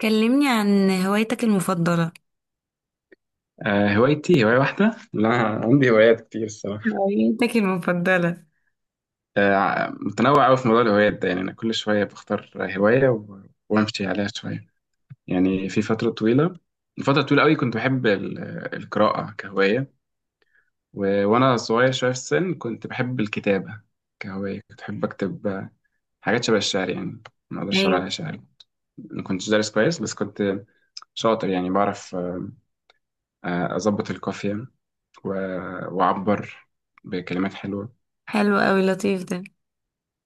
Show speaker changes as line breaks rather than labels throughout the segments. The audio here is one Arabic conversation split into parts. كلمني عن هوايتك المفضلة.
هوايتي هواية واحدة لا، عندي هوايات كتير الصراحة.
هوايتك المفضلة؟
متنوع أوي في موضوع الهوايات ده، يعني أنا كل شوية بختار هواية وأمشي عليها شوية. يعني في فترة طويلة أوي كنت بحب القراءة كهواية. وأنا صغير شوية في السن كنت بحب الكتابة كهواية، كنت بحب أكتب حاجات شبه الشعر، يعني ما أقدرش أقول
ايوه.
عليها شعر، ما كنتش دارس كويس بس كنت شاطر، يعني بعرف أظبط القافية وأعبر بكلمات حلوة.
حلو قوي، لطيف ده.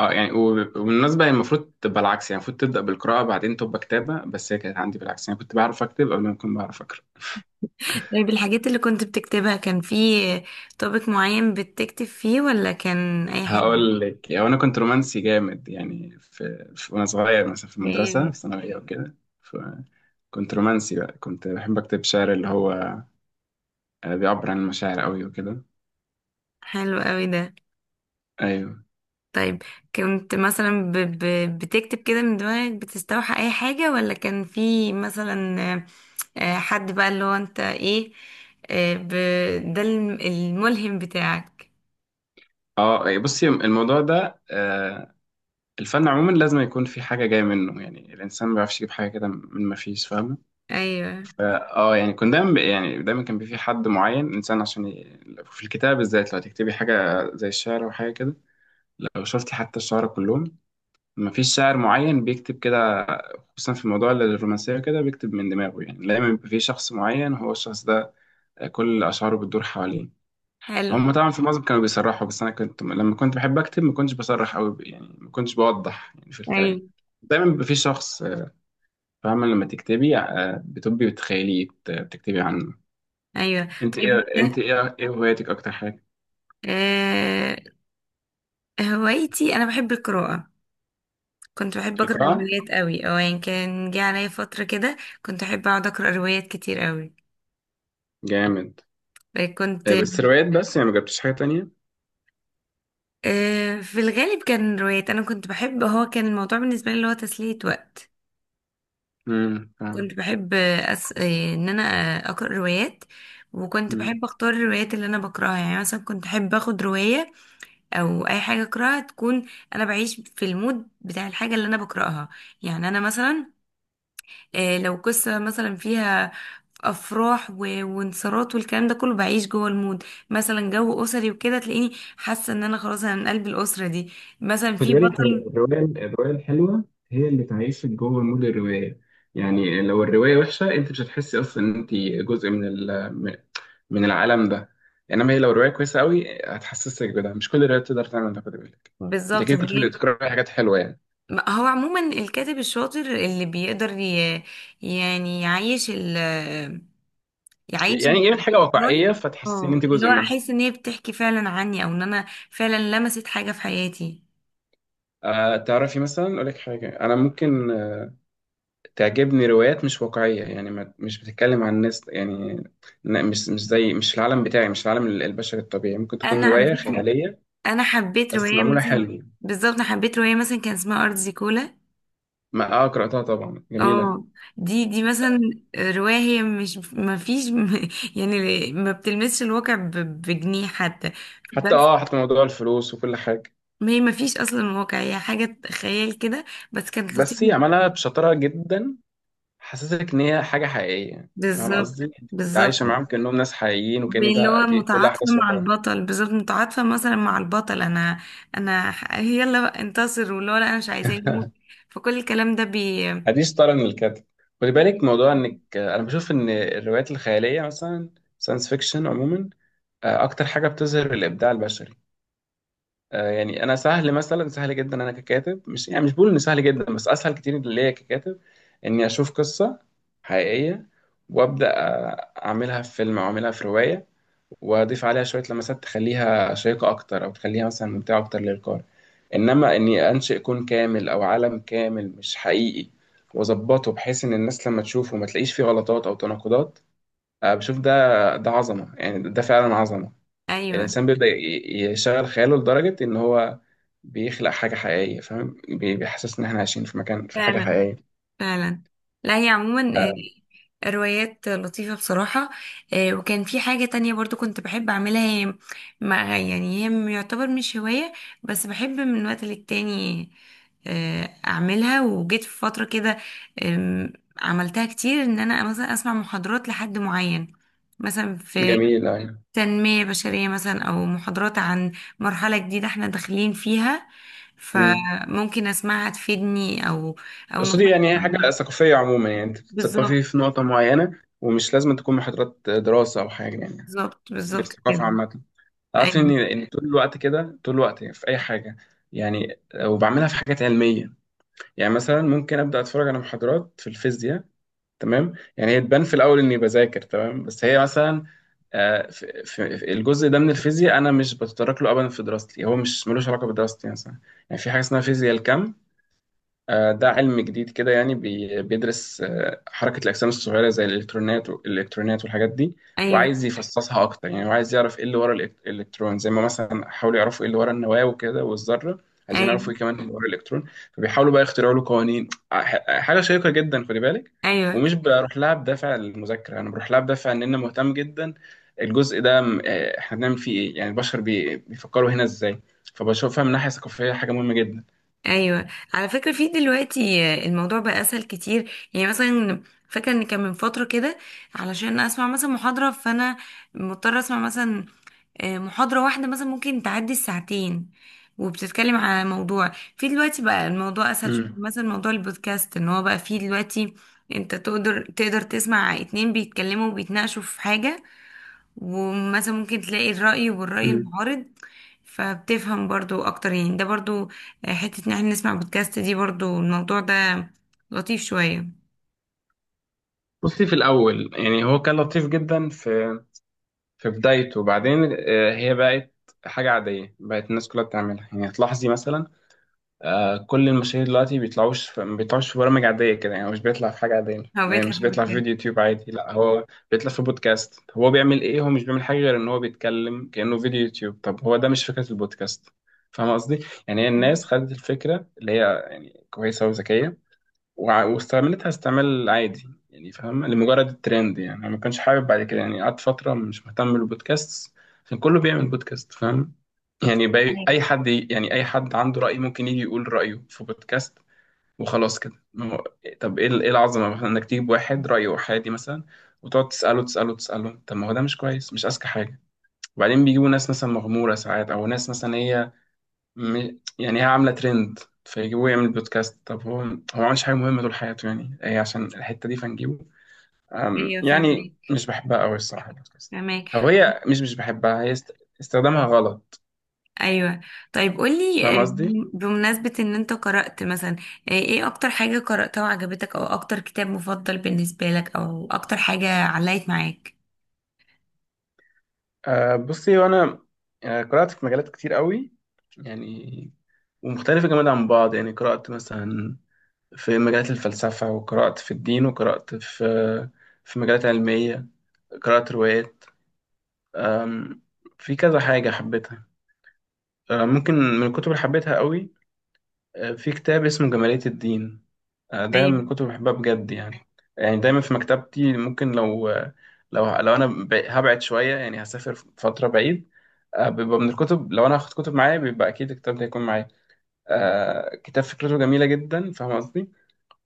اه يعني وبالمناسبة هي المفروض تبقى العكس، يعني المفروض تبدأ بالقراءة بعدين تبقى كتابة، بس هي كانت عندي بالعكس، يعني كنت بعرف أكتب قبل ما كنت بعرف أقرأ.
طيب الحاجات اللي كنت بتكتبها، كان في توبيك معين بتكتب فيه ولا كان اي حاجة؟
هقول لك، يعني أنا كنت رومانسي جامد، يعني في, في وأنا صغير مثلا في المدرسة
جامد.
في ثانوية وكده. فكنت رومانسي بقى، كنت بحب أكتب شعر اللي هو بيعبر عن المشاعر قوي وكده.
حلو قوي ده.
أيوه.
طيب كنت مثلا بتكتب كده من دماغك، بتستوحى اي حاجة، ولا كان في مثلا حد بقى اللي هو انت ايه، آه، ب... ده الملهم بتاعك؟
اه إيه، بصي الموضوع ده آه، الفن عموما لازم يكون في حاجة جاية منه، يعني الإنسان ما بيعرفش يجيب حاجة كده من ما فيش، فاهمة.
ايوه.
اه يعني كنت دايما، يعني دايما كان في حد معين، انسان، عشان ي... في الكتاب بالذات لو هتكتبي حاجه زي الشعر او حاجه كده، لو شفتي حتى الشعراء كلهم مفيش شاعر معين بيكتب كده خصوصا في موضوع الرومانسيه، كده بيكتب من دماغه، يعني دايما بيبقى في شخص معين هو الشخص ده كل اشعاره بتدور حواليه.
حلو.
هم طبعا في معظم كانوا بيصرحوا، بس انا كنت لما كنت بحب اكتب ما كنتش بصرح قوي، يعني ما كنتش بوضح يعني في
ايوه.
الكلام. دايما بيبقى في شخص فاهمه، لما تكتبي بتبقي بتخيليه، بتكتبي عنه.
ايوه.
انت
طيب
ايه، انت ايه، ايه هواياتك اكتر حاجه؟
آه، هوايتي انا بحب القراءة. كنت بحب اقرا
القراءه.
روايات قوي، او يعني كان جه عليا فترة كده كنت احب اقعد اقرا روايات كتير قوي.
جامد.
كنت
بس روايات بس، يعني ما جبتش حاجه تانية.
في الغالب كان روايات. انا كنت بحب، هو كان الموضوع بالنسبة لي اللي هو تسلية وقت.
امم، فاهم.
كنت بحب أس... آه، ان انا اقرا روايات. وكنت
امم.
بحب اختار الروايات اللي انا بقراها، يعني مثلا كنت احب اخد رواية او اي حاجة اقراها تكون، انا بعيش في المود بتاع الحاجة اللي انا بقراها. يعني انا مثلا لو قصة مثلا فيها أفراح وانتصارات والكلام ده كله، بعيش جوه المود. مثلا جو أسري وكده تلاقيني حاسة إن أنا خلاص أنا من قلب الأسرة دي. مثلا
خد
في
بالك، هي
بطل.
الرواية الحلوة هي اللي تعيشك جوه مود الرواية. يعني لو الرواية وحشة انت مش هتحسي اصلا ان انت جزء من ال- من من العالم ده، انما هي لو الرواية كويسة قوي هتحسسك بده، مش كل الروايات تقدر تعمل ده، خد بالك. انت
بالظبط.
كده كنت
يعني
بتقرأي حاجات حلوة يعني.
هو عموما الكاتب الشاطر اللي بيقدر يعني يعيش يعيش
يعني ايه؟ من حاجة
الأفكار.
واقعية فتحسي ان
اه
انت
اللي
جزء
هو
منها.
أحس إن هي بتحكي فعلا عني، أو إن أنا فعلا لمست حاجة في حياتي.
أه تعرفي، مثلا اقول لك حاجة، انا ممكن تعجبني روايات مش واقعية، يعني ما مش بتتكلم عن ناس، يعني مش زي، مش في العالم بتاعي، مش في العالم البشري الطبيعي، ممكن تكون
أنا على
رواية
فكرة
خيالية
أنا حبيت
بس
رواية
معمولة
مثلا.
حلو.
بالظبط. أنا حبيت رواية مثلا كان اسمها أرض زيكولا.
ما اه قرأتها طبعا، جميلة.
اه دي مثلا رواية، هي مش، ما فيش يعني ما بتلمسش الواقع بجنيه حتى.
حتى
بس
اه حتى موضوع الفلوس وكل حاجة.
ما هي ما فيش اصلا واقع، هي حاجة خيال كده، بس كانت لطيفة
بس هي
جداً.
عملها بشطارة جدا، حسسك ان هي حاجة حقيقية، فاهم
بالظبط.
قصدي؟ انت
بالظبط.
عايشة معاهم كأنهم ناس حقيقيين، وكأن
اللي
ده
هو
دي كل
متعاطفة
أحداث
مع
واقعية.
البطل، بالظبط متعاطفة مثلا مع البطل. انا انا يلا بقى انتصر، واللي هو لا انا مش عايزاه يموت. فكل الكلام ده.
دي شطارة من الكاتب. خلي بالك، موضوع انك انا بشوف ان الروايات الخيالية مثلا ساينس فيكشن عموما اكتر حاجه بتظهر الابداع البشري. يعني انا سهل، مثلا سهل جدا انا ككاتب، مش يعني مش بقول ان سهل جدا، بس اسهل كتير ليا ككاتب اني اشوف قصه حقيقيه، وابدا اعملها في فيلم او اعملها في روايه، واضيف عليها شويه لمسات تخليها شيقه اكتر او تخليها مثلا ممتعه اكتر للقارئ. انما اني انشئ كون كامل او عالم كامل مش حقيقي، واظبطه بحيث ان الناس لما تشوفه ما تلاقيش فيه غلطات او تناقضات، بشوف ده ده عظمه، يعني ده فعلا عظمه.
ايوه.
الإنسان بيبدأ يشغل خياله لدرجة إن هو بيخلق حاجة حقيقية، فاهم، بيحسسنا إن إحنا عايشين في مكان في حاجة
فعلا.
حقيقية.
فعلا. لا هي عموما روايات لطيفة بصراحة. وكان في حاجة تانية برضو كنت بحب أعملها. هي مع، يعني هي يعتبر مش هواية، بس بحب من وقت للتاني أعملها. وجيت في فترة كده آم، عملتها كتير، إن أنا مثلا أسمع محاضرات لحد معين، مثلا في
جميل يعني.
تنمية بشرية، مثلا أو محاضرات عن مرحلة جديدة احنا داخلين فيها،
امم.
فممكن أسمعها تفيدني، أو أو
قصدي
نصيحة
يعني هي حاجة
معينة.
ثقافية عموما، يعني أنت
بالظبط.
بتثقفي في نقطة معينة، ومش لازم تكون محاضرات دراسة أو حاجة يعني.
بالظبط بالظبط كده.
الثقافة عامة، تعرف إن
ايوه.
طول الوقت كده، طول الوقت في أي حاجة يعني. وبعملها في حاجات علمية، يعني مثلا ممكن أبدأ أتفرج على محاضرات في الفيزياء. تمام، يعني هي تبان في الاول اني بذاكر، تمام، بس هي مثلا في في الجزء ده من الفيزياء انا مش بتطرق له ابدا في دراستي، هو مش ملوش علاقه بدراستي مثلا. يعني في حاجه اسمها فيزياء الكم، ده علم جديد كده، يعني بيدرس حركة الأجسام الصغيرة زي الإلكترونات والحاجات دي،
ايوه.
وعايز يفصصها أكتر، يعني وعايز يعرف إيه اللي ورا الإلكترون، زي ما مثلا حاولوا يعرفوا إيه اللي ورا النواة وكده والذرة، عايزين يعرفوا
ايوه.
إيه كمان اللي ورا الإلكترون، فبيحاولوا بقى يخترعوا له قوانين. حاجة شيقة جدا، خدي بالك.
ايوه.
ومش بروح لها بدافع المذاكرة، أنا بروح لها بدافع إن أنا مهتم جدا. الجزء ده إحنا بنعمل فيه إيه، يعني البشر بيفكروا هنا إزاي. فبشوفها من ناحية ثقافية حاجة مهمة جدا.
ايوه. على فكره في دلوقتي الموضوع بقى اسهل كتير. يعني مثلا، فاكره ان كان من فتره كده علشان اسمع مثلا محاضره، فانا مضطره اسمع مثلا محاضره واحده مثلا ممكن تعدي الساعتين، وبتتكلم على موضوع. في دلوقتي بقى الموضوع اسهل شويه، مثلا موضوع البودكاست، ان هو بقى فيه دلوقتي انت تقدر تسمع اتنين بيتكلموا وبيتناقشوا في حاجه، ومثلا ممكن تلاقي الرأي والرأي
مم.
المعارض، فبتفهم برضو اكتر. يعني ده برضو حتة ان احنا نسمع بودكاست، دي برضو الموضوع ده لطيف شوية.
بصي، في الأول يعني هو كان لطيف جدا في بدايته، وبعدين هي بقت حاجة عادية، بقت الناس كلها بتعملها. يعني هتلاحظي مثلا كل المشاهير دلوقتي بيطلعوش في ما بيطلعوش في برامج عادية كده، يعني مش بيطلع في حاجة عادية،
هو
يعني
بيطلع في
مش بيطلع في
البودكاست.
فيديو يوتيوب عادي، لا هو بيطلع في بودكاست. هو بيعمل إيه؟ هو مش بيعمل حاجة غير إن هو بيتكلم كأنه فيديو يوتيوب. طب هو ده مش فكرة البودكاست، فاهم قصدي؟ يعني هي الناس خدت الفكرة اللي هي يعني كويسة وذكية، واستعملتها استعمال عادي يعني، فاهم، لمجرد الترند يعني. انا ما كانش حابب بعد كده، يعني قعدت فتره مش مهتم بالبودكاست، عشان كله بيعمل بودكاست، فاهم؟ يعني باي اي
ايوه.
حد يعني اي حد عنده راي ممكن يجي يقول رايه في بودكاست، وخلاص كده، ما هو- طب ايه ايه العظمه مثلا انك تجيب واحد رايه احادي مثلا، وتقعد تساله تساله تساله. طب ما هو ده مش كويس، مش اذكى حاجه. وبعدين بيجيبوا ناس مثلا مغموره ساعات، او ناس مثلا هي يعني هي عامله ترند، فيجيبوه يعمل بودكاست. طب هو ما عملش حاجه مهمه طول حياته، يعني هي عشان الحته دي فنجيبه.
أيوة،
يعني
فاهمك.
مش بحبها قوي الصراحه البودكاست،
فاهمك.
او هي مش بحبها، هي استخدامها غلط،
ايوه. طيب قولي
فاهم قصدي؟
بمناسبة ان انت قرأت مثلا ايه اكتر حاجة قرأتها وعجبتك، او اكتر كتاب مفضل بالنسبة لك، او اكتر حاجة علقت معاك؟
أه بصي، وانا قرات في مجالات كتير قوي يعني، ومختلفه جامد عن بعض. يعني قرات مثلا في مجالات الفلسفه، وقرات في الدين، وقرات في مجالات علميه، قرات روايات. أم، في كذا حاجه حبيتها. ممكن من الكتب اللي حبيتها قوي في كتاب اسمه جمالية الدين. ده من
ايوه.
الكتب اللي بحبها بجد يعني. يعني دايما في مكتبتي، ممكن لو لو انا هبعد شوية، يعني هسافر فترة بعيد، بيبقى من الكتب، لو انا هاخد كتب معايا بيبقى اكيد الكتاب ده هيكون معايا. كتاب فكرته جميلة جدا، فاهم قصدي.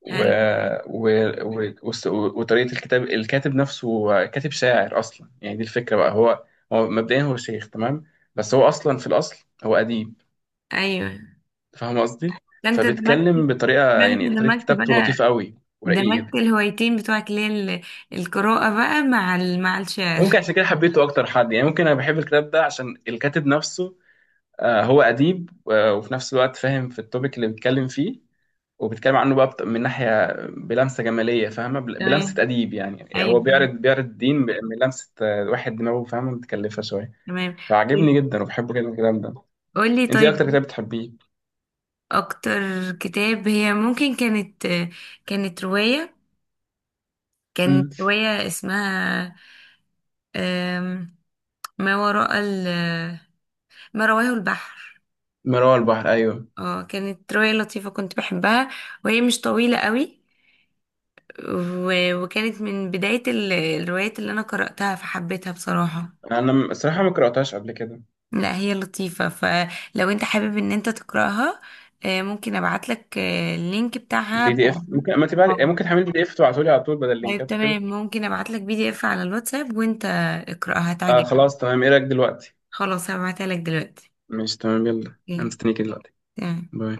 و...
هل
و... وطريقة الكتاب، الكاتب نفسه كاتب شاعر أصلا، يعني دي الفكرة بقى. هو مبدئيا هو شيخ، تمام، بس هو أصلا في الأصل هو أديب،
ايوه.
فاهم قصدي.
ده انت دمجت
فبيتكلم بطريقه،
ده انت
يعني طريقه
دمجت
كتابته
بقى،
لطيفه قوي ورقيقه
دمجت
جدا.
الهوايتين بتوعك اللي هي القراءة بقى مع مع الشعر.
ممكن عشان كده حبيته اكتر حد، يعني ممكن انا بحب الكتاب ده عشان الكاتب نفسه هو اديب وفي نفس الوقت فاهم في التوبيك اللي بيتكلم فيه، وبيتكلم عنه بقى من ناحيه بلمسه جماليه فاهمه بلمسه
تمام.
اديب، يعني هو
ايوه.
بيعرض الدين بلمسه واحد دماغه فاهمه متكلفه شويه،
تمام.
فعجبني
قول-
جدا وبحب جدا الكلام ده.
قولي.
انت ايه اكتر
طيب
كتاب بتحبيه؟
اكتر كتاب، هي ممكن كانت كانت رواية
امم.
كانت رواية اسمها أم، ما وراء ال... ما رواه البحر.
مرار البحر، ايوه.
اه كانت رواية لطيفة كنت بحبها، وهي مش طويلة قوي، وكانت من بداية الروايات اللي انا قرأتها، فحبيتها بصراحة.
انا الصراحه ما قراتهاش قبل كده.
لا هي لطيفة، فلو انت حابب ان انت تقرأها ممكن ابعتلك اللينك بتاعها
بي دي
بتاع-
اف ممكن ما تبعت، يعني
اه
ممكن تحمل PDF تبعته لي على طول بدل
طيب
اللينكات وكده.
تمام، ممكن ابعتلك PDF على الواتساب وانت اقرأها
آه
تعجبك.
خلاص تمام، ايه رايك دلوقتي؟
خلاص هبعتها لك دلوقتي.
ماشي تمام، يلا انا
اوكي،
مستنيك دلوقتي.
تمام.
باي.